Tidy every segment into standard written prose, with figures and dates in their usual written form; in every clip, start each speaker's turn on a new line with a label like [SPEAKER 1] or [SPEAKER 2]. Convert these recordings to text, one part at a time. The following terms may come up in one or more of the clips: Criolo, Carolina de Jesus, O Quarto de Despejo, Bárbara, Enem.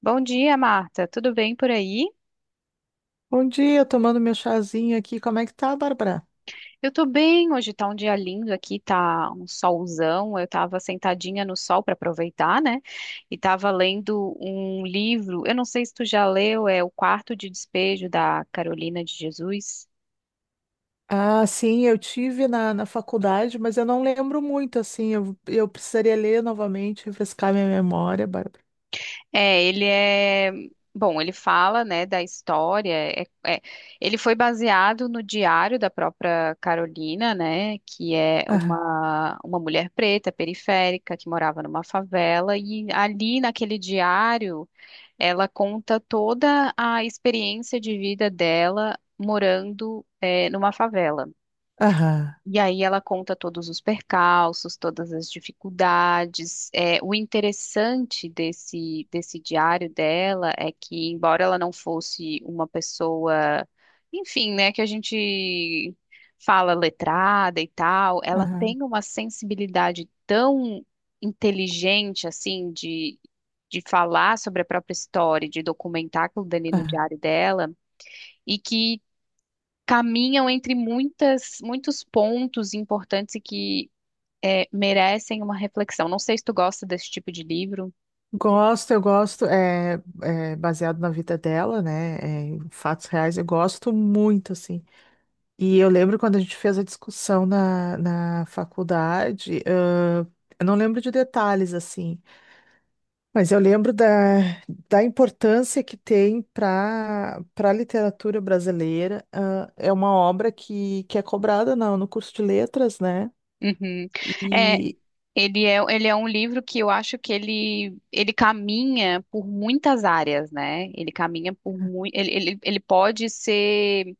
[SPEAKER 1] Bom dia, Marta. Tudo bem por aí?
[SPEAKER 2] Bom dia, tomando meu chazinho aqui. Como é que tá, Bárbara?
[SPEAKER 1] Eu tô bem. Hoje tá um dia lindo aqui, tá um solzão. Eu tava sentadinha no sol para aproveitar, né? E tava lendo um livro. Eu não sei se tu já leu, é O Quarto de Despejo da Carolina de Jesus.
[SPEAKER 2] Ah, sim, eu tive na faculdade, mas eu não lembro muito, assim. Eu precisaria ler novamente, refrescar minha memória, Bárbara.
[SPEAKER 1] É, ele é. Bom, ele fala, né, da história. Ele foi baseado no diário da própria Carolina, né, que é
[SPEAKER 2] Aham,
[SPEAKER 1] uma mulher preta, periférica, que morava numa favela. E ali naquele diário, ela conta toda a experiência de vida dela morando, numa favela.
[SPEAKER 2] aham,
[SPEAKER 1] E aí ela conta todos os percalços, todas as dificuldades. É, o interessante desse diário dela é que, embora ela não fosse uma pessoa, enfim, né, que a gente fala letrada e tal, ela
[SPEAKER 2] aham,
[SPEAKER 1] tem uma sensibilidade tão inteligente, assim, de falar sobre a própria história, de documentar aquilo dali no
[SPEAKER 2] aham.
[SPEAKER 1] diário dela, e que caminham entre muitas, muitos pontos importantes e que merecem uma reflexão. Não sei se tu gosta desse tipo de livro.
[SPEAKER 2] Gosto, eu gosto. É, é baseado na vida dela, né? É, em fatos reais, eu gosto muito, assim. E eu lembro quando a gente fez a discussão na faculdade, eu não lembro de detalhes, assim. Mas eu lembro da, da importância que tem para a literatura brasileira. Ah, é uma obra que é cobrada no curso de letras, né?
[SPEAKER 1] Uhum. É,
[SPEAKER 2] E
[SPEAKER 1] ele é um livro que eu acho que ele caminha por muitas áreas, né? Ele caminha por muito. Ele pode ser,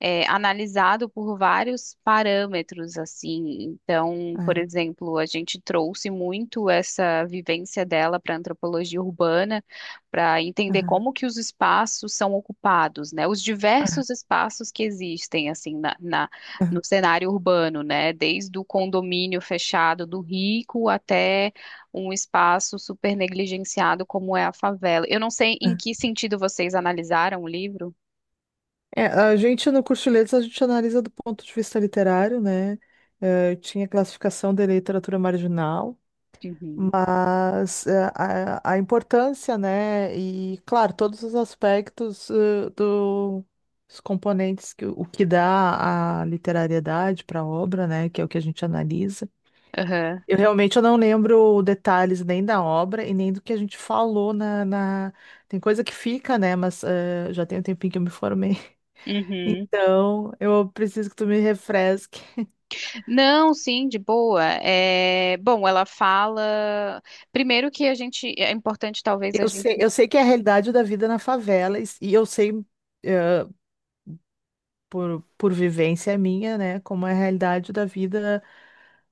[SPEAKER 1] analisado por vários parâmetros, assim. Então, por
[SPEAKER 2] ah,
[SPEAKER 1] exemplo, a gente trouxe muito essa vivência dela para a antropologia urbana, para entender
[SPEAKER 2] aham,
[SPEAKER 1] como que os espaços são ocupados, né? Os diversos espaços que existem, assim,
[SPEAKER 2] aham,
[SPEAKER 1] no cenário urbano, né? Desde o condomínio fechado do rico até um espaço super negligenciado como é a favela. Eu não sei em
[SPEAKER 2] aham.
[SPEAKER 1] que sentido vocês analisaram o livro.
[SPEAKER 2] É, a gente no curso de letras a gente analisa do ponto de vista literário, né? Eh, tinha classificação de literatura marginal.
[SPEAKER 1] Uhum.
[SPEAKER 2] Mas a importância, né? E claro, todos os aspectos dos componentes que o que dá a literariedade para a obra, né? Que é o que a gente analisa.
[SPEAKER 1] Aham.
[SPEAKER 2] Eu realmente eu não lembro detalhes nem da obra e nem do que a gente falou na. Tem coisa que fica, né? Mas já tem um tempinho que eu me formei.
[SPEAKER 1] Uhum.
[SPEAKER 2] Então eu preciso que tu me refresque.
[SPEAKER 1] Não, sim, de boa. É, bom, ela fala. Primeiro que a gente. É importante, talvez, a gente.
[SPEAKER 2] Eu sei que é a realidade da vida na favela e eu sei. eh, por vivência minha, né, como é a realidade da vida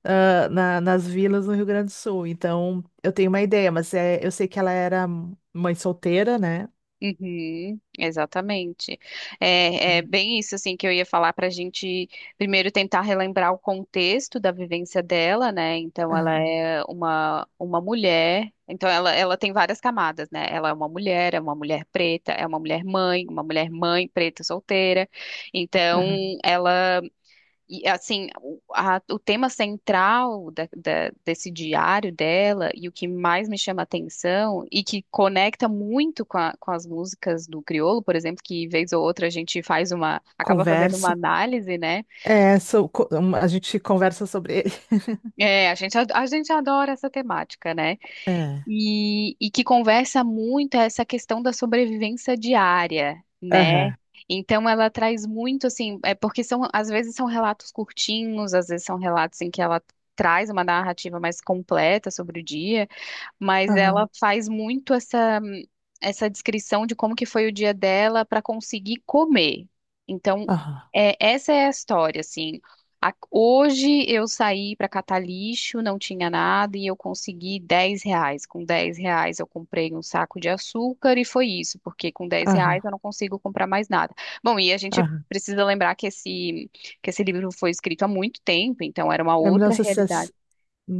[SPEAKER 2] nas vilas no Rio Grande do Sul. Então, eu tenho uma ideia, mas é, eu sei que ela era mãe solteira, né?
[SPEAKER 1] Uhum, exatamente. É, é bem isso, assim, que eu ia falar para a gente primeiro tentar relembrar o contexto da vivência dela, né? Então, ela
[SPEAKER 2] Ah,
[SPEAKER 1] é uma mulher. Então, ela tem várias camadas, né? Ela é uma mulher preta, é uma mulher mãe preta solteira. Então,
[SPEAKER 2] ah,
[SPEAKER 1] ela. E assim, o tema central desse diário dela e o que mais me chama atenção e que conecta muito com as músicas do Criolo, por exemplo, que vez ou outra a gente acaba fazendo uma
[SPEAKER 2] conversa.
[SPEAKER 1] análise, né?
[SPEAKER 2] É, a gente conversa sobre ele.
[SPEAKER 1] É, a gente adora essa temática, né?
[SPEAKER 2] É.
[SPEAKER 1] E que conversa muito essa questão da sobrevivência diária, né?
[SPEAKER 2] Aham.
[SPEAKER 1] Então ela traz muito assim, é porque são às vezes são relatos curtinhos, às vezes são relatos em que ela traz uma narrativa mais completa sobre o dia, mas ela
[SPEAKER 2] Aham,
[SPEAKER 1] faz muito essa descrição de como que foi o dia dela para conseguir comer. Então,
[SPEAKER 2] aham,
[SPEAKER 1] essa é a história, assim. Hoje eu saí para catar lixo, não tinha nada e eu consegui 10 reais. Com 10 reais eu comprei um saco de açúcar e foi isso, porque com dez
[SPEAKER 2] aham,
[SPEAKER 1] reais eu não consigo comprar mais nada. Bom, e a gente
[SPEAKER 2] aham.
[SPEAKER 1] precisa lembrar que esse livro foi escrito há muito tempo, então era uma
[SPEAKER 2] É
[SPEAKER 1] outra realidade.
[SPEAKER 2] 1960,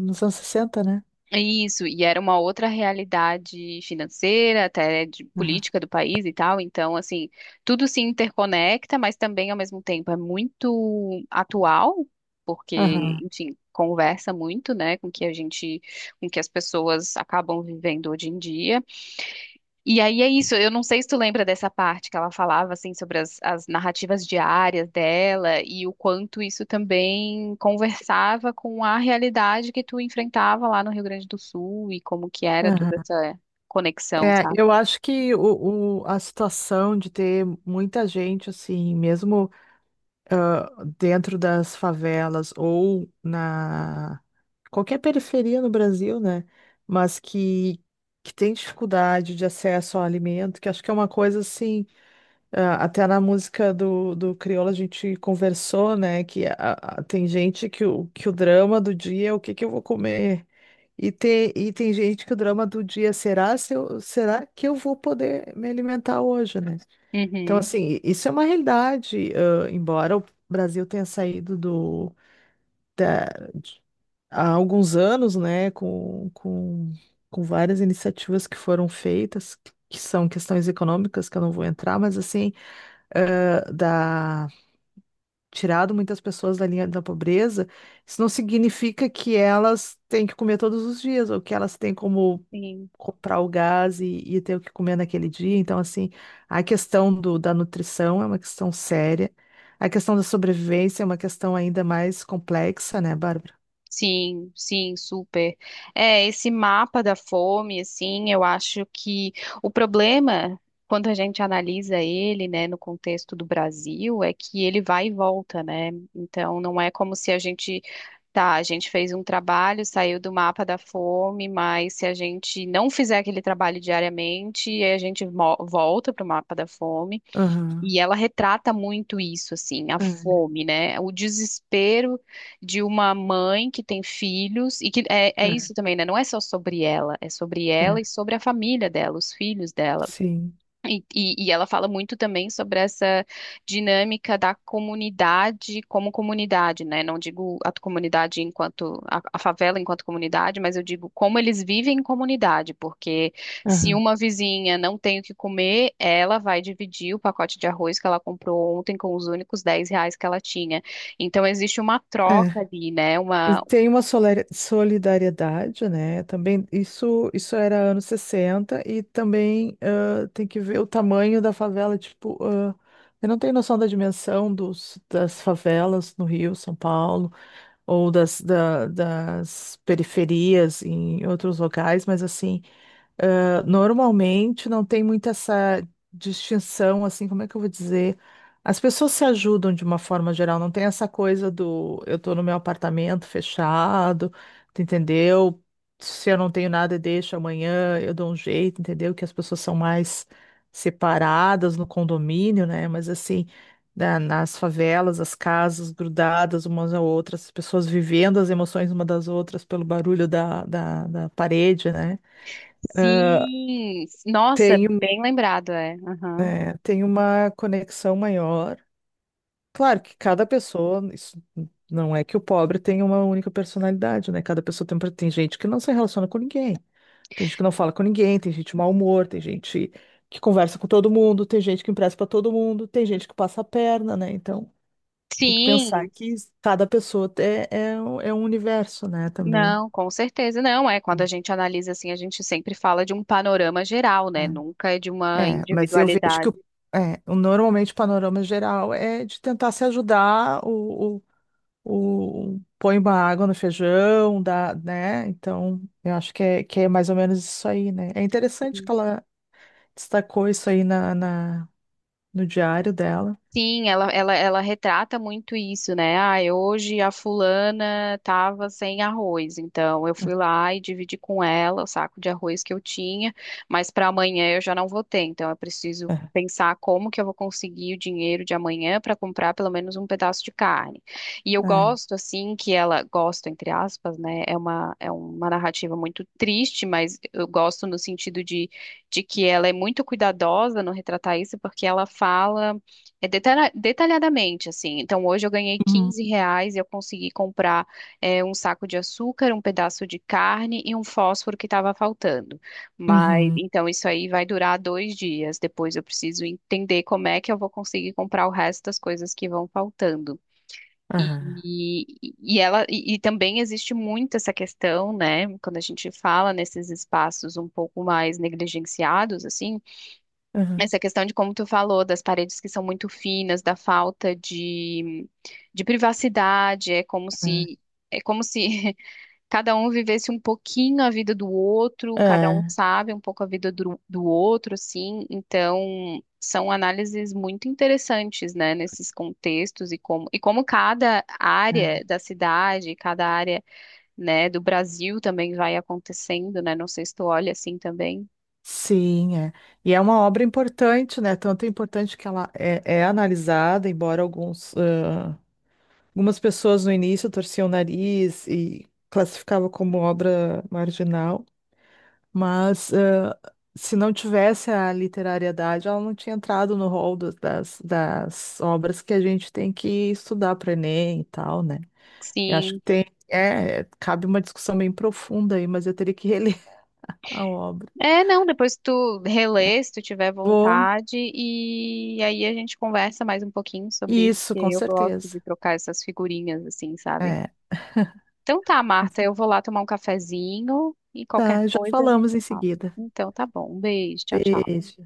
[SPEAKER 2] nos anos 60, né?
[SPEAKER 1] Isso, e era uma outra realidade financeira, até de
[SPEAKER 2] Aham,
[SPEAKER 1] política do país e tal. Então, assim, tudo se interconecta, mas também ao mesmo tempo é muito atual, porque,
[SPEAKER 2] aham,
[SPEAKER 1] enfim, conversa muito, né, com o que a gente, com o que as pessoas acabam vivendo hoje em dia. E aí é isso, eu não sei se tu lembra dessa parte que ela falava assim sobre as narrativas diárias dela e o quanto isso também conversava com a realidade que tu enfrentava lá no Rio Grande do Sul e como que era toda
[SPEAKER 2] aham.
[SPEAKER 1] essa conexão,
[SPEAKER 2] É,
[SPEAKER 1] sabe?
[SPEAKER 2] eu acho que a situação de ter muita gente, assim, mesmo. ah, Dentro das favelas ou na qualquer periferia no Brasil, né? Mas que tem dificuldade de acesso ao alimento, que acho que é uma coisa assim, até na música do, do Criolo a gente conversou, né? Que tem gente que que o drama do dia é o que que eu vou comer. E tem gente que o drama do dia será se eu- será que eu vou poder me alimentar hoje, né? Então,
[SPEAKER 1] Uhum.
[SPEAKER 2] assim, isso é uma realidade, embora o Brasil tenha saído da- de- há alguns anos, né, com várias iniciativas que foram feitas, que são questões econômicas, que eu não vou entrar, mas, assim, ãh, da, tirado muitas pessoas da linha da pobreza, isso não significa que elas têm que comer todos os dias, ou que elas têm como
[SPEAKER 1] Sim.
[SPEAKER 2] comprar o gás e ter o que comer naquele dia. Então, assim, a questão da nutrição é uma questão séria. A questão da sobrevivência é uma questão ainda mais complexa, né, Bárbara?
[SPEAKER 1] Sim, sim, super. É, esse mapa da fome, assim, eu acho que o problema, quando a gente analisa ele, né, no contexto do Brasil, é que ele vai e volta, né? Então, não é como se a gente, tá, a gente fez um trabalho, saiu do mapa da fome, mas se a gente não fizer aquele trabalho diariamente, aí a gente volta para o mapa da fome.
[SPEAKER 2] Aham,
[SPEAKER 1] E ela retrata muito isso, assim, a
[SPEAKER 2] é,
[SPEAKER 1] fome, né? O desespero de uma mãe que tem filhos, e que é isso também, né? Não é só sobre ela, é sobre
[SPEAKER 2] é,
[SPEAKER 1] ela
[SPEAKER 2] é,
[SPEAKER 1] e sobre a família dela, os filhos dela.
[SPEAKER 2] sim,
[SPEAKER 1] E ela fala muito também sobre essa dinâmica da comunidade como comunidade, né? Não digo a comunidade enquanto a favela enquanto comunidade, mas eu digo como eles vivem em comunidade, porque se
[SPEAKER 2] aham,
[SPEAKER 1] uma vizinha não tem o que comer, ela vai dividir o pacote de arroz que ela comprou ontem com os únicos 10 reais que ela tinha. Então existe uma troca
[SPEAKER 2] é.
[SPEAKER 1] ali, né?
[SPEAKER 2] E
[SPEAKER 1] Uma.
[SPEAKER 2] tem uma solidariedade, né? Também isso era anos 60 e também tem que ver o tamanho da favela, tipo, eu não tenho noção da dimensão dos, das favelas no Rio, São Paulo. Ou das, das periferias em outros locais, mas assim, normalmente não tem muito essa distinção, assim, como é que eu vou dizer? As pessoas se ajudam de uma forma geral, não tem essa coisa do eu tô no meu apartamento fechado, tu entendeu? Se eu não tenho nada, deixa amanhã, eu dou um jeito, entendeu? Que as pessoas são mais separadas no condomínio, né? Mas assim, nas favelas, as casas grudadas umas às outras, as pessoas vivendo as emoções uma das outras pelo barulho da parede, né?
[SPEAKER 1] Sim, nossa,
[SPEAKER 2] Tem, um-
[SPEAKER 1] bem lembrado, é. Aham.
[SPEAKER 2] É, tem uma conexão maior. Claro que
[SPEAKER 1] Sim,
[SPEAKER 2] cada pessoa, isso não é que o pobre tem uma única personalidade, né? Cada pessoa tem, tem gente que não se relaciona com ninguém, tem gente que não fala com ninguém, tem gente de mau humor, tem gente que conversa com todo mundo, tem gente que empresta para todo mundo, tem gente que passa a perna, né? Então tem que pensar
[SPEAKER 1] sim.
[SPEAKER 2] que cada pessoa é, é, é um universo, né, também.
[SPEAKER 1] Não, com certeza não. É quando a gente analisa assim, a gente sempre fala de um panorama geral, né? Nunca é de
[SPEAKER 2] É,
[SPEAKER 1] uma
[SPEAKER 2] é, mas eu vejo
[SPEAKER 1] individualidade.
[SPEAKER 2] é, normalmente o panorama geral é de tentar se ajudar, põe uma água no feijão, dá, né? Então, eu acho que é mais ou menos isso aí, né? É interessante que ela destacou isso aí no diário dela.
[SPEAKER 1] Sim, ela retrata muito isso, né? Ah, hoje a fulana tava sem arroz, então eu fui lá e dividi com ela o saco de arroz que eu tinha, mas para amanhã eu já não vou ter, então eu preciso
[SPEAKER 2] É,
[SPEAKER 1] pensar como que eu vou conseguir o dinheiro de amanhã para comprar pelo menos um pedaço de carne. E eu
[SPEAKER 2] é.
[SPEAKER 1] gosto assim que ela gosto entre aspas, né? É uma narrativa muito triste, mas eu gosto no sentido de que ela é muito cuidadosa no retratar isso, porque ela fala detalhadamente, assim. Então, hoje eu ganhei
[SPEAKER 2] Uhum,
[SPEAKER 1] 15 reais e eu consegui comprar, um saco de açúcar, um pedaço de carne e um fósforo que estava faltando. Mas,
[SPEAKER 2] uhum,
[SPEAKER 1] então, isso aí vai durar 2 dias. Depois eu preciso entender como é que eu vou conseguir comprar o resto das coisas que vão faltando.
[SPEAKER 2] aham,
[SPEAKER 1] E ela e também existe muito essa questão, né? Quando a gente fala nesses espaços um pouco mais negligenciados, assim,
[SPEAKER 2] aham,
[SPEAKER 1] essa questão de como tu falou, das paredes que são muito finas, da falta de privacidade, é como se cada um vivesse um pouquinho a vida do outro, cada um
[SPEAKER 2] é,
[SPEAKER 1] sabe um pouco a vida do outro, assim. Então, são análises muito interessantes, né, nesses contextos e como, cada
[SPEAKER 2] é,
[SPEAKER 1] área
[SPEAKER 2] é.
[SPEAKER 1] da cidade, cada área, né, do Brasil também vai acontecendo, né? Não sei se tu olha assim também.
[SPEAKER 2] Sim, é. E é uma obra importante, né? Tanto é importante que ela é, é analisada, embora alguns, algumas pessoas no início torciam o nariz e classificavam como obra marginal, mas se não tivesse a literariedade, ela não tinha entrado no rol das, das obras que a gente tem que estudar para Enem e tal, né? Eu acho que
[SPEAKER 1] Sim.
[SPEAKER 2] tem, é, é, cabe uma discussão bem profunda aí, mas eu teria que reler a obra.
[SPEAKER 1] É, não, depois tu relê, se tu tiver
[SPEAKER 2] Vou,
[SPEAKER 1] vontade, e aí a gente conversa mais um pouquinho sobre isso,
[SPEAKER 2] isso,
[SPEAKER 1] porque
[SPEAKER 2] com
[SPEAKER 1] eu gosto
[SPEAKER 2] certeza.
[SPEAKER 1] de trocar essas figurinhas, assim, sabe?
[SPEAKER 2] É,
[SPEAKER 1] Então tá,
[SPEAKER 2] com-
[SPEAKER 1] Marta, eu vou lá tomar um cafezinho e qualquer
[SPEAKER 2] tá, já
[SPEAKER 1] coisa a gente
[SPEAKER 2] falamos em
[SPEAKER 1] fala.
[SPEAKER 2] seguida.
[SPEAKER 1] Então tá bom, um beijo, tchau, tchau.
[SPEAKER 2] Beijo.